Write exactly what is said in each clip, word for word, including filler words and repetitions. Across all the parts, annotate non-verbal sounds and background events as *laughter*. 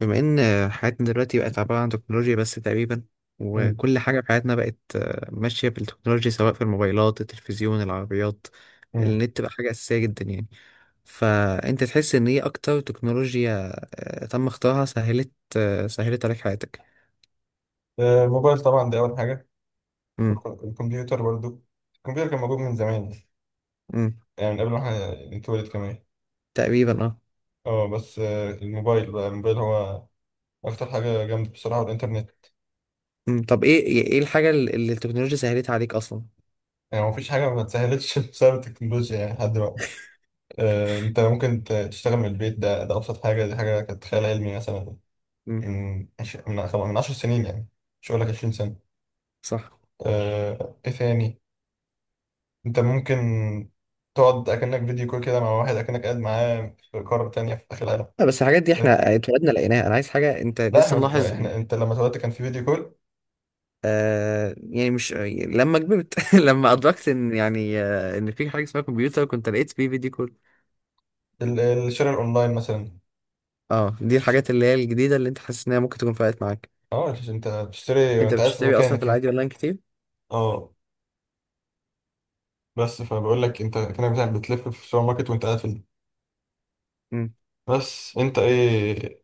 بما ان حياتنا دلوقتي بقت عبارة عن تكنولوجيا بس تقريبا، مم. وكل حاجة في حياتنا بقت آه، ماشية بالتكنولوجيا، سواء في الموبايلات التلفزيون العربيات. مم. النت بقى حاجة أساسية جدا يعني. فأنت تحس إن إيه أكتر تكنولوجيا آه، تم اختراعها سهلت آه، سهلت عليك حياتك. آه، الموبايل طبعا ده أول حاجة. امم والكم- الكمبيوتر برضو. الكمبيوتر كان موجود من زمان، امم. يعني من قبل ما احنا نتولد كمان. تقريبا اه. اه بس آه، الموبايل بقى، الموبايل هو أكتر حاجة جامدة بصراحة، والإنترنت. امم، طب إيه إيه الحاجة اللي اللي التكنولوجيا سهلتها عليك أصلا؟ يعني مفيش حاجة ما اتسهلتش *laughs* بسبب التكنولوجيا يعني لحد دلوقتي. آه، أنت ممكن ت- تشتغل من البيت، ده ده أبسط حاجة، دي حاجة كانت خيال علمي مثلا، امم. من عش- من خم- من عشر سنين يعني، مش هقول لك عشرين سنة. صح. آه، إيه ثاني؟ انت ممكن تقعد اكنك فيديو كول كده مع واحد اكنك قاعد معاه في قارة تانية في اخر العالم. لا بس الحاجات دي فاهم؟ احنا اتولدنا لقيناها، انا عايز حاجه انت لا لسه احنا ما- ملاحظ. احنا، انت لما اتولدت كان في فيديو كول. آه يعني مش لما كبرت *laughs* لما ادركت ان يعني آه ان في حاجه اسمها كمبيوتر كنت لقيت فيه فيديو كول. ال- الشراء الاونلاين مثلا. اه دي ش- الحاجات اللي هي الجديده اللي انت حاسس انها ممكن تكون فرقت معاك. اه، انت بتشتري انت وانت قاعد في بتشتري اصلا في مكانك يعني. العادي اونلاين كتير. اه، بس فبقول لك، انت كانك بتاع- بتلف في السوبر ماركت وانت قاعد في ال- امم. بس انت ايه؟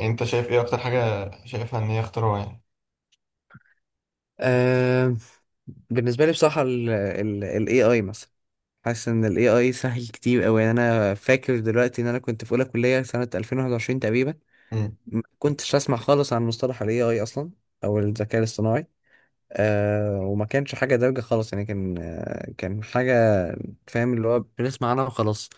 انت شايف ايه اكتر حاجة شايفها ان هي اختراع يعني؟ آه، بالنسبه لي بصراحه الاي اي مثلا. حاسس ان الاي اي سهل كتير قوي، يعني انا فاكر دلوقتي ان انا كنت في اولى كليه سنه ألفين وواحد وعشرين تقريبا، مم. ما كنتش اسمع خالص عن مصطلح الاي اي اصلا، او الذكاء الاصطناعي. آه وما كانش حاجة دارجة خالص، يعني كان آه كان حاجة فاهم اللي هو بنسمع عنها وخلاص.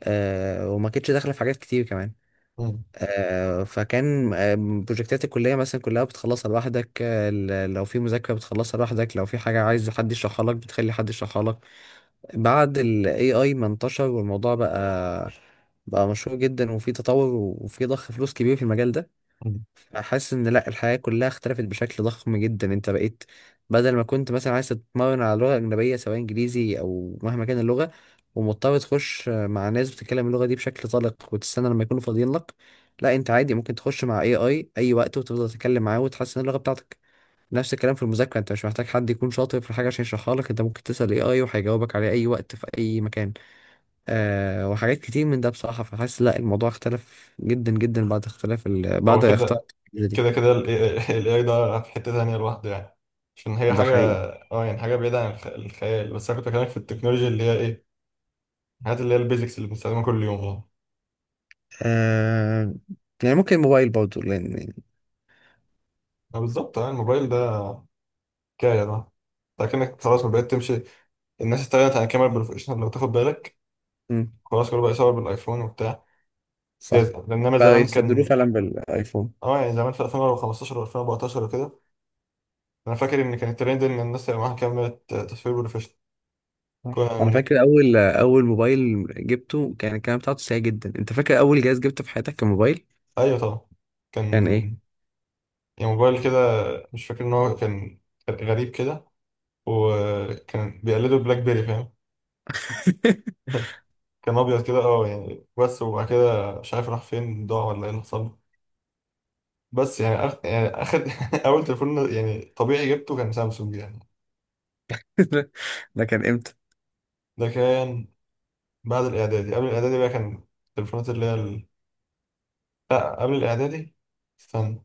آه وما كانتش داخلة في حاجات كتير كمان. مم. آه فكان آه بروجكتات الكلية مثلا كلها بتخلصها لوحدك، آه ل- لو في مذاكرة بتخلصها لوحدك، لو في حاجة عايز حد يشرحها لك بتخلي حد يشرحها لك. بعد ال A I ما انتشر والموضوع بقى بقى مشهور جدا وفي تطور وفي ضخ فلوس كبير في المجال ده. مم. حاسس ان لا، الحياة كلها اختلفت بشكل ضخم جدا. انت بقيت بدل ما كنت مثلا عايز تتمرن على لغة أجنبية سواء إنجليزي أو مهما كان اللغة، ومضطر تخش مع ناس بتتكلم اللغة دي بشكل طلق وتستنى لما يكونوا فاضيين لك، لا انت عادي ممكن تخش مع اي اي اي وقت وتفضل تتكلم معاه وتحسن اللغة بتاعتك. نفس الكلام في المذاكرة، انت مش محتاج حد يكون شاطر في الحاجة عشان يشرحها لك، انت ممكن تسأل اي اي وهيجاوبك عليه اي وقت في اي مكان. آه وحاجات كتير من ده بصراحة، فحاسس لا الموضوع اختلف جدا جدا بعد اختلاف ال... هو بعد اختلاف كده كده دي كده ال ايه اي ده في حتة تانية لوحده يعني، عشان هي ده حاجة، حقيقي. اه يعني حاجة بعيدة عن الخ- الخيال. بس أنا كنت بكلمك في التكنولوجيا اللي هي إيه، الحاجات اللي هي البيزكس اللي بنستخدمها كل يوم. اه آه... يعني ممكن موبايل برضه لان يعني آه بالظبط، اه الموبايل ده حكاية، ده لكنك صح. خلاص ما بقيت تمشي. الناس استغنت عن الكاميرا البروفيشنال لو تاخد بالك. مم. خلاص كله بقى يصور بالايفون وبتاع. جاز- صح. انما بقى زمان يستبدلوه كان، فعلا بالايفون. اه يعني زمان في ألفين وخمسة عشر و2014 وكده، انا فاكر ان كان الترند ان الناس يبقى معاها كاميرا تصوير بروفيشنال. صح. كنا انا ونيك- فاكر اول اول موبايل جبته كان الكلام بتاعته سيء جدا. انت فاكر اول جهاز جبته في حياتك كان موبايل؟ ايوه طبعا، كان ايه؟ كان يعني موبايل كده، مش فاكر ان هو كان، كان غريب كده، وكان بيقلده بلاك بيري، فاهم؟ *laughs* ده كان ابيض كده اه يعني، بس وبعد كده مش عارف راح فين، ضاع ولا ايه اللي حصل له. بس يعني أخ... يعني اخد *laughs* اول تليفون يعني طبيعي جبته كان سامسونج يعني. ده ده كان امتى؟ ده كان بعد الاعدادي، قبل الاعدادي بقى، كان التليفونات اللي هي ال... لا قبل الاعدادي، استنى،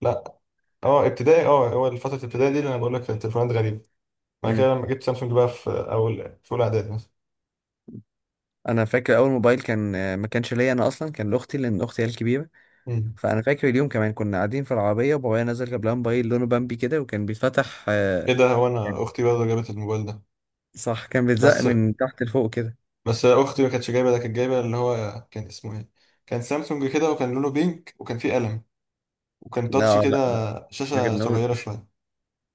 لا، اه ابتدائي، اه هو فترة الابتدائي دي اللي انا بقول لك كانت تليفونات غريبة. بعد مم. كده لما جبت سامسونج بقى في اول، في اولى اعدادي مثلا. انا فاكر اول موبايل كان آه، ما كانش ليا انا اصلا، كان لاختي لان اختي هي الكبيره. مم. فانا فاكر اليوم كمان كنا قاعدين في العربيه وبابايا نزل جاب لها موبايل لونه بامبي كده وكان بيتفتح آه، ايه ده، هو كان- انا اختي برضه جابت الموبايل ده. صح كان بيتزق بس من تحت لفوق كده. بس اختي ما كانتش جايبه ده، كانت جايبه اللي هو كان اسمه ايه، كان سامسونج كده، وكان لونه بينك، وكان فيه قلم، وكان تاتش لا كده، لا لا. ما شاشه جبناهوش. صغيره شويه.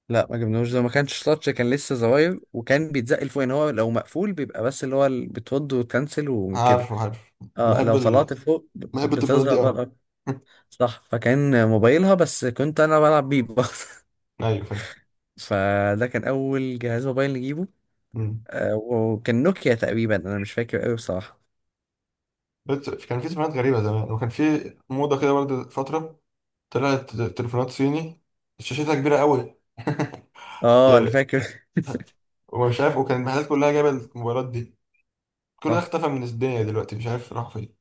لا ما جبناهوش، ده ما كانش تاتش، كان لسه زراير وكان بيتزق لفوق، يعني هو لو مقفول بيبقى بس اللي هو ال- بتود وتكنسل وكده. عارفه، عارف. اه بحب لو ال... طلعت فوق بحب ب- التليفونات بتصغر دي بقى قوي. الأرض. صح فكان موبايلها بس كنت انا بلعب بيه برضه. *laughs* *laughs* ايوه فاهم. فده كان اول جهاز موبايل نجيبه. مم. آه وكان نوكيا تقريبا، انا مش فاكر قوي بصراحة. بس كان في تليفونات غريبه زمان، وكان في موضه كده برضه فتره، طلعت تليفونات صيني شاشتها كبيره قوي اه انا يعني، فاكر. *laughs* ومش عارف، وكان المحلات كلها جايبه الموبايلات دي. كل ده صح. اختفى من الدنيا دلوقتي، مش عارف راح فين.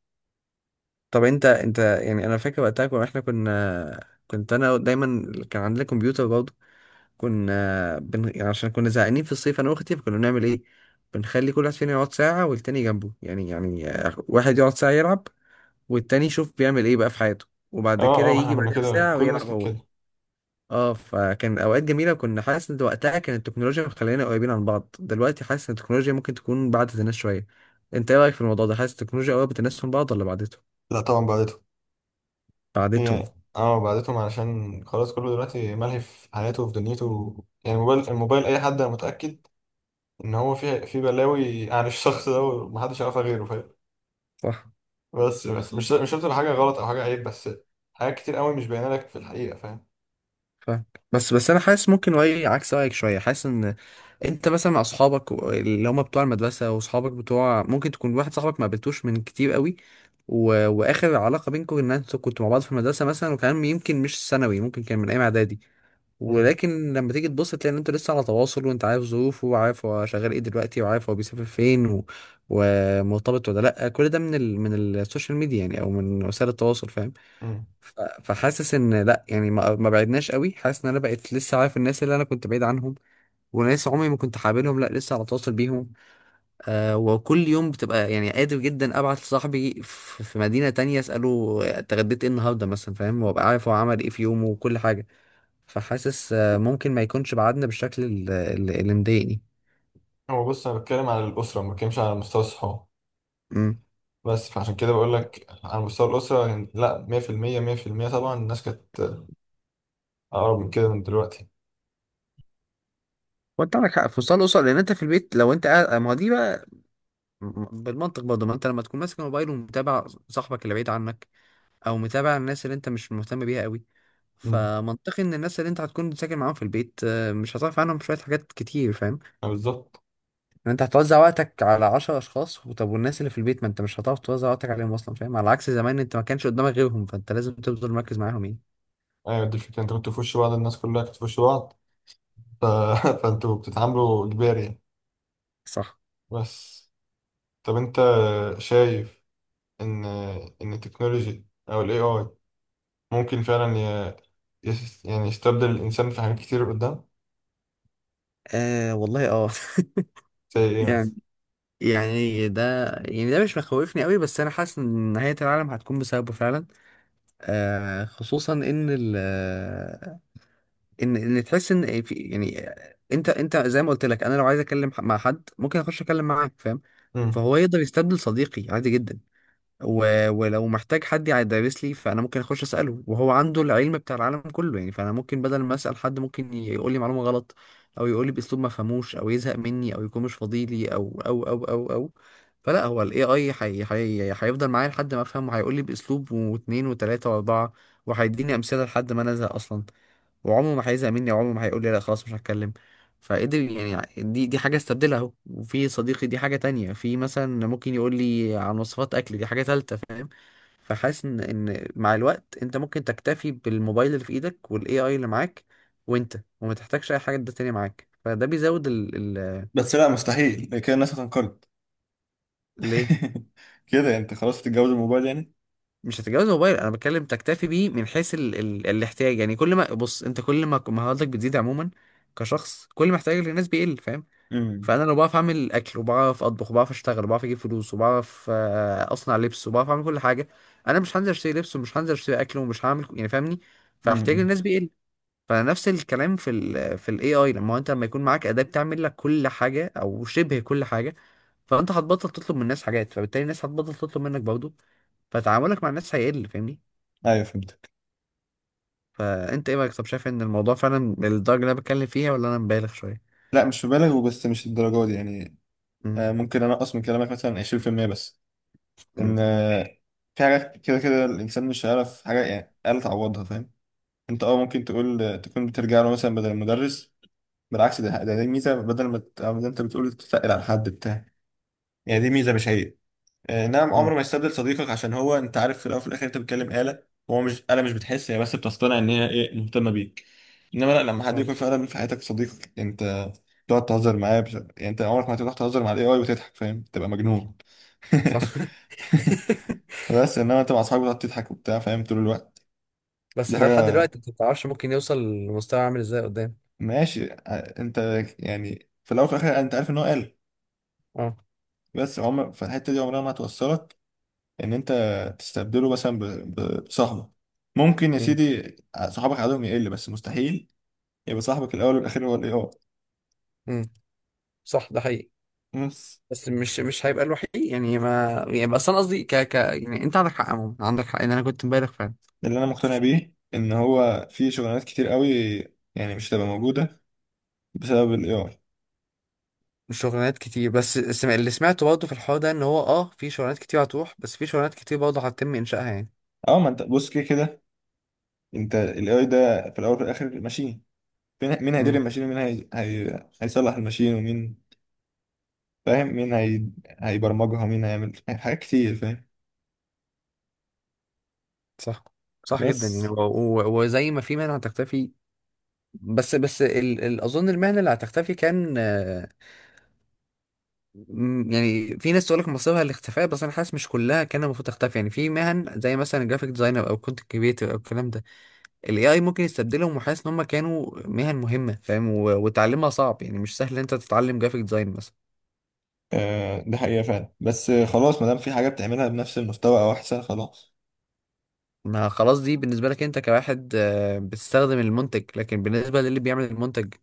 طب انت انت يعني انا فاكر وقتها كنا- احنا كنا كنت انا دايما كان عندنا كمبيوتر برضه، كنا بن... يعني عشان كنا زهقانين في الصيف انا واختي فكنا بنعمل ايه، بنخلي كل واحد فينا يقعد ساعة والتاني جنبه، يعني يعني آه، واحد يقعد ساعة يلعب والتاني يشوف بيعمل ايه بقى في حياته، وبعد كده اه اه، ما احنا يجي كنا بعدها كده، بساعة كل الناس ويلعب كانت هو. كده. اه فكان اوقات جميلة، وكنا حاسس ان وقتها كانت التكنولوجيا مخلينا قريبين عن بعض، دلوقتي حاسس ان التكنولوجيا ممكن تكون بعدت الناس شوية. انت ايه رأيك في الموضوع ده؟ حاسس التكنولوجيا قربت الناس من بعض ولا بعدتهم؟ لا طبعا بعد. بعدتهم. هي اه بعدتهم، علشان خلاص كله دلوقتي ملهي في حياته وفي دنيته. يعني الموبايل، الموبايل اي حد أنا متأكد ان هو فيه، في بلاوي عن الشخص ده ومحدش يعرفها غيره، فاهم؟ صح. بس بس مش مش شرط تبقى حاجة غلط او حاجة عيب، بس حاجات كتير قوي مش باينة لك في الحقيقة، فاهم؟ فاهم. بس بس انا حاسس ممكن رايي عكس رايك شويه. حاسس ان انت مثلا مع اصحابك و- اللي هم بتوع المدرسه واصحابك بتوع، ممكن تكون واحد صاحبك ما قابلتوش من كتير قوي، و... واخر علاقه بينكم ان انتوا كنتوا مع بعض في المدرسه مثلا، وكان يمكن مش ثانوي ممكن كان من ايام اعدادي. مم. ولكن لما تيجي تبص تلاقي ان انتوا لسه على تواصل، وانت عارف ظروفه وعارف هو شغال ايه دلوقتي وعارف هو بيسافر فين و... ومرتبط ولا لا، كل ده من ال... من السوشيال ميديا يعني او من وسائل التواصل فاهم. مم. ف- فحاسس ان لا يعني ما ما بعدناش قوي. حاسس ان انا بقيت لسه عارف الناس اللي انا كنت بعيد عنهم، وناس عمري ما كنت حابلهم لا لسه على تواصل بيهم. آه وكل يوم بتبقى يعني قادر جدا ابعت لصاحبي في في مدينة تانية اساله اتغديت ايه النهارده مثلا فاهم، وابقى عارف هو عمل ايه في يومه وكل حاجة. فحاسس آه ممكن ما يكونش بعدنا بالشكل ال- ال- اللي مضايقني. هو بص، انا بتكلم على الأسرة، ما بتكلمش على مستوى الصحاب. امم. بس فعشان كده بقول لك، على مستوى الأسرة يعني لا مية في المية، مية في المية طبعا الناس كانت أقرب من كده من دلوقتي. وانت عندك حق في وصال الاسر، لان انت في البيت لو انت قاعد ما هو دي بقى بالمنطق برضه، ما انت لما تكون ماسك الموبايل ومتابع صاحبك اللي بعيد عنك، او متابع الناس اللي انت مش مهتم بيها قوي، مم. فمنطقي ان الناس اللي انت هتكون ساكن معاهم في البيت آه، مش هتعرف عنهم شويه، حاجات كتير فاهم. آه، بالظبط. ان انت هتوزع وقتك على عشر اشخاص، طب والناس اللي في البيت ما انت مش هتعرف توزع وقتك عليهم اصلا فاهم، على عكس زمان انت ما كانش قدامك غيرهم فانت لازم تفضل مركز معاهم يعني. ايوه دي الفكرة، انت كنت في وش بعض، الناس كلها كانت في وش بعض، ف... *laughs* فانتوا بتتعاملوا اجباري يعني. صح. بس طب انت شايف ان ان التكنولوجي او الاي اي ممكن فعلا ي... يس... يعني يستبدل الانسان في حاجات كتير قدام؟ آه والله اه. زي *laughs* ايه يعني مثلا؟ يعني ده يعني ده مش مخوفني قوي، بس انا حاسس ان نهاية العالم هتكون بسببه فعلا. آه خصوصا ان ال ان ان تحس ان في يعني، انت انت زي ما قلت لك، انا لو عايز اتكلم ح- مع حد ممكن اخش اتكلم معاه فاهم. امم، فهو يقدر يستبدل صديقي عادي جدا. و... ولو محتاج حد يدرس لي، فانا ممكن اخش اساله وهو عنده العلم بتاع العالم كله يعني، فانا ممكن بدل ما اسال حد ممكن يقول لي معلومه غلط، او يقول لي باسلوب ما فهموش، او يزهق مني، او يكون مش فاضي لي، او او او او او فلا هو الاي اي حي... حي... هيفضل معايا لحد ما افهم، وهيقول لي باسلوب واثنين وثلاثه واربعه، وهيديني امثله لحد ما انا ازهق اصلا، وعمره ما هيزهق مني وعمره ما هيقول لي لا خلاص مش هتكلم. فقدر يعني دي دي حاجة استبدلها اهو وفي صديقي، دي حاجة تانية، في مثلا ممكن يقول لي عن وصفات اكل، دي حاجة تالتة فاهم. فحاسس ان إن مع الوقت انت ممكن تكتفي بالموبايل اللي في ايدك والاي اي اللي معاك، وانت وما تحتاجش اي حاجة ده تانية معاك، فده بيزود ال ال بس لا مستحيل كده الناس هتنقرض. ليه. *laughs* كده يعني انت خلاص هتتجوز الموبايل يعني؟ مش هتتجوز موبايل، انا بتكلم تكتفي بيه من حيث ال ال الاحتياج يعني. كل ما بص، انت كل ما مهاراتك بتزيد عموما كشخص كل ما احتياجك للناس بيقل فاهم. امم. فانا لو بعرف اعمل اكل، وبعرف اطبخ، وبعرف اشتغل، وبعرف اجيب فلوس، وبعرف آه، اصنع لبس، وبعرف اعمل كل حاجه، انا مش هنزل اشتري لبس، ومش هنزل اشتري اكل، ومش هعمل ك- يعني فاهمني. فاحتياج امم. الناس بيقل. فنفس الكلام في ال في الاي اي، لما هو انت لما يكون معاك اداه بتعمل لك كل حاجه او شبه كل حاجه، فانت هتبطل تطلب من الناس حاجات، فبالتالي الناس هتبطل تطلب منك برضه، فتعاملك مع الناس هيقل فاهمني. ايوه فهمتك. فانت ايه رايك؟ طب شايف ان الموضوع فعلا الدرجه اللي انا بتكلم فيها، ولا انا مبالغ شويه؟ لا مش مبالغ، وبس مش الدرجه دي يعني. امم. آه، ممكن انقص من كلامك مثلا عشرين بالمية بس. ان امم. آه، في حاجات كده كده الانسان مش هيعرف حاجه يعني آلة تعوضها، فاهم؟ انت اه ممكن تقول تكون بترجع له مثلا بدل المدرس. بالعكس، ده ده دي ميزه، بدل ما ت- ما انت بتقول تتقل على حد بتاع يعني دي ميزه مش عيب. آه، نعم امم. عمر ما يستبدل صديقك، عشان هو انت عارف في الاول وفي الاخر انت بتتكلم آلة. هو مش آلة مش بتحس هي، بس بتصطنع ان هي ايه مهتمه بيك. انما لا، لما حد يكون فهمت. فعلا في حياتك صديقك انت، تقعد تهزر معاه بش... يعني انت عمرك ما هتروح تهزر مع الاي اي وتضحك، فاهم؟ تبقى مجنون. صح. *laughs* *laughs* بس انما انت مع اصحابك بتقعد تضحك وبتاع، فاهم؟ طول الوقت. بس دي ده لحد حاجه. دلوقتي انت ما تعرفش ممكن يوصل لمستوى عامل ازاي قدام. ماشي ع- انت يعني في الاول وفي الاخر انت عارف ان هو قال. اه. بس عمر، في الحته دي عمرها ما هتوصلك ان انت تستبدله مثلا ب- ب- بصاحبك. ممكن يا امم. سيدي ع- صحابك عددهم يقل، بس مستحيل يبقى صاحبك الاول والاخير هو الاي اي. امم. صح ده حقيقي. بس بس مش مش هيبقى الوحيد يعني ما يعني، بس انا قصدي ك ك يعني، انت عندك حق عموما، عندك حق ان انا كنت مبالغ فعلا. ده اللي انا مقتنع بيه، ان هو في شغلانات كتير قوي يعني مش هتبقى موجوده بسبب الاي اي. شغلانات كتير. بس السم- اللي سمعته برضه في الحوار ده ان هو اه في شغلانات كتير هتروح، بس في شغلانات كتير برضه هتتم انشائها يعني. اه، ما انت بص كده كده، انت الاي اي ده في الاول وفي الاخر ماشين، مين مين هيدير امم. الماشين، ومين هي... هي... هيصلح الماشين، ومين، فاهم؟ مين هي... هيبرمجها، مين هيعمل حاجات كتير، فاهم؟ صح. صح جدا يعني. بس و- و- وزي ما في مهنه هتختفي. بس بس ال ال اظن المهنه اللي هتختفي كان مم، يعني في ناس تقول لك مصيرها الاختفاء، بس انا حاسس مش كلها كان المفروض تختفي. يعني في مهن زي مثلا جرافيك ديزاينر او كونتنت كريتور او الكلام ده، الاي اي ممكن يستبدلهم، وحاسس ان هم كانوا مهن مهمه فاهم، و- وتعلمها صعب يعني مش سهل إن انت تتعلم جرافيك ديزاين مثلا. آه ده حقيقة فعلا. بس آه، خلاص ما دام في حاجة بتعملها بنفس المستوى أو أحسن، خلاص. ما خلاص دي بالنسبه لك انت كواحد آه، بتستخدم المنتج، لكن بالنسبه للي بيعمل المنتج.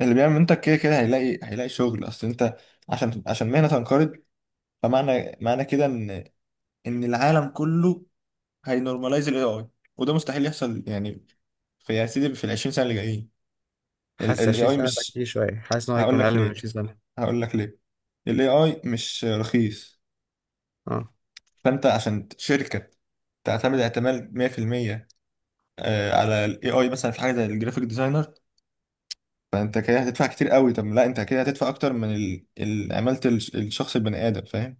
اللي بيعمل منتج كده كده هيلاقي، هيلاقي شغل. أصل أنت، عشان عشان مهنة تنقرض، فمعنى، معنى كده إن، إن العالم كله هينورماليز ال إيه آي، وده مستحيل يحصل يعني في يا سيدي في ال عشرين سنة اللي جايين. ال حاسس ال عشرين ايه اي سنه ده مش، كتير شويه، حاسس ان هو هقول هيكون لك اقل من ليه، عشرين سنه. هقول لك ليه. ال ايه اي مش رخيص. اه. فانت عشان شركه تعتمد اعتماد مية في المية، آه، على الاي اي مثلا في حاجه زي الجرافيك ديزاينر، فانت كده هتدفع كتير قوي. طب لا، انت كده هتدفع اكتر من ال- ال- عماله الش- الشخص البني ادم، فاهم؟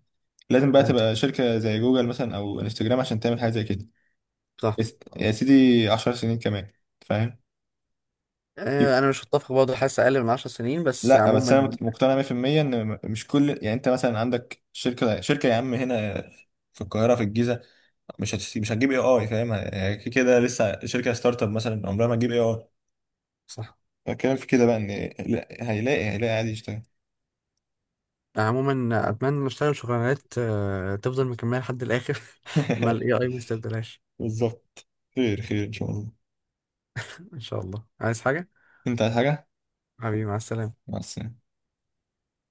لازم بقى فهمت. تبقى شركه زي جوجل مثلا او انستجرام عشان تعمل حاجه زي كده. صح. بس يا سيدي عشر سنين كمان، فاهم؟ آه، يب- انا مش متفق برضه، حاسس اقل من عشر سنين، بس لا بس عموما انا مت- مقتنع مية بالمية ان م- مش كل، يعني انت مثلا عندك شركه، شركه يا عم هنا في القاهره في الجيزه، مش هتست... مش هتجيب اي اي، فاهم؟ هي كده كده لسه شركه ستارت اب مثلا، عمرها ما تجيب اي اي. صح. الكلام في كده بقى ان لا، هيلاقي، هيلاقي عادي يشتغل. عموما اتمنى نشتغل شغلانات آه، تفضل مكمله لحد الاخر. *laughs* ما الاي اي *laughs* ما يستبدلهاش. بالظبط. خير خير ان شاء الله. ان شاء الله. عايز حاجه؟ انت عايز حاجه؟ حبيبي مع السلامه. مع السلامه.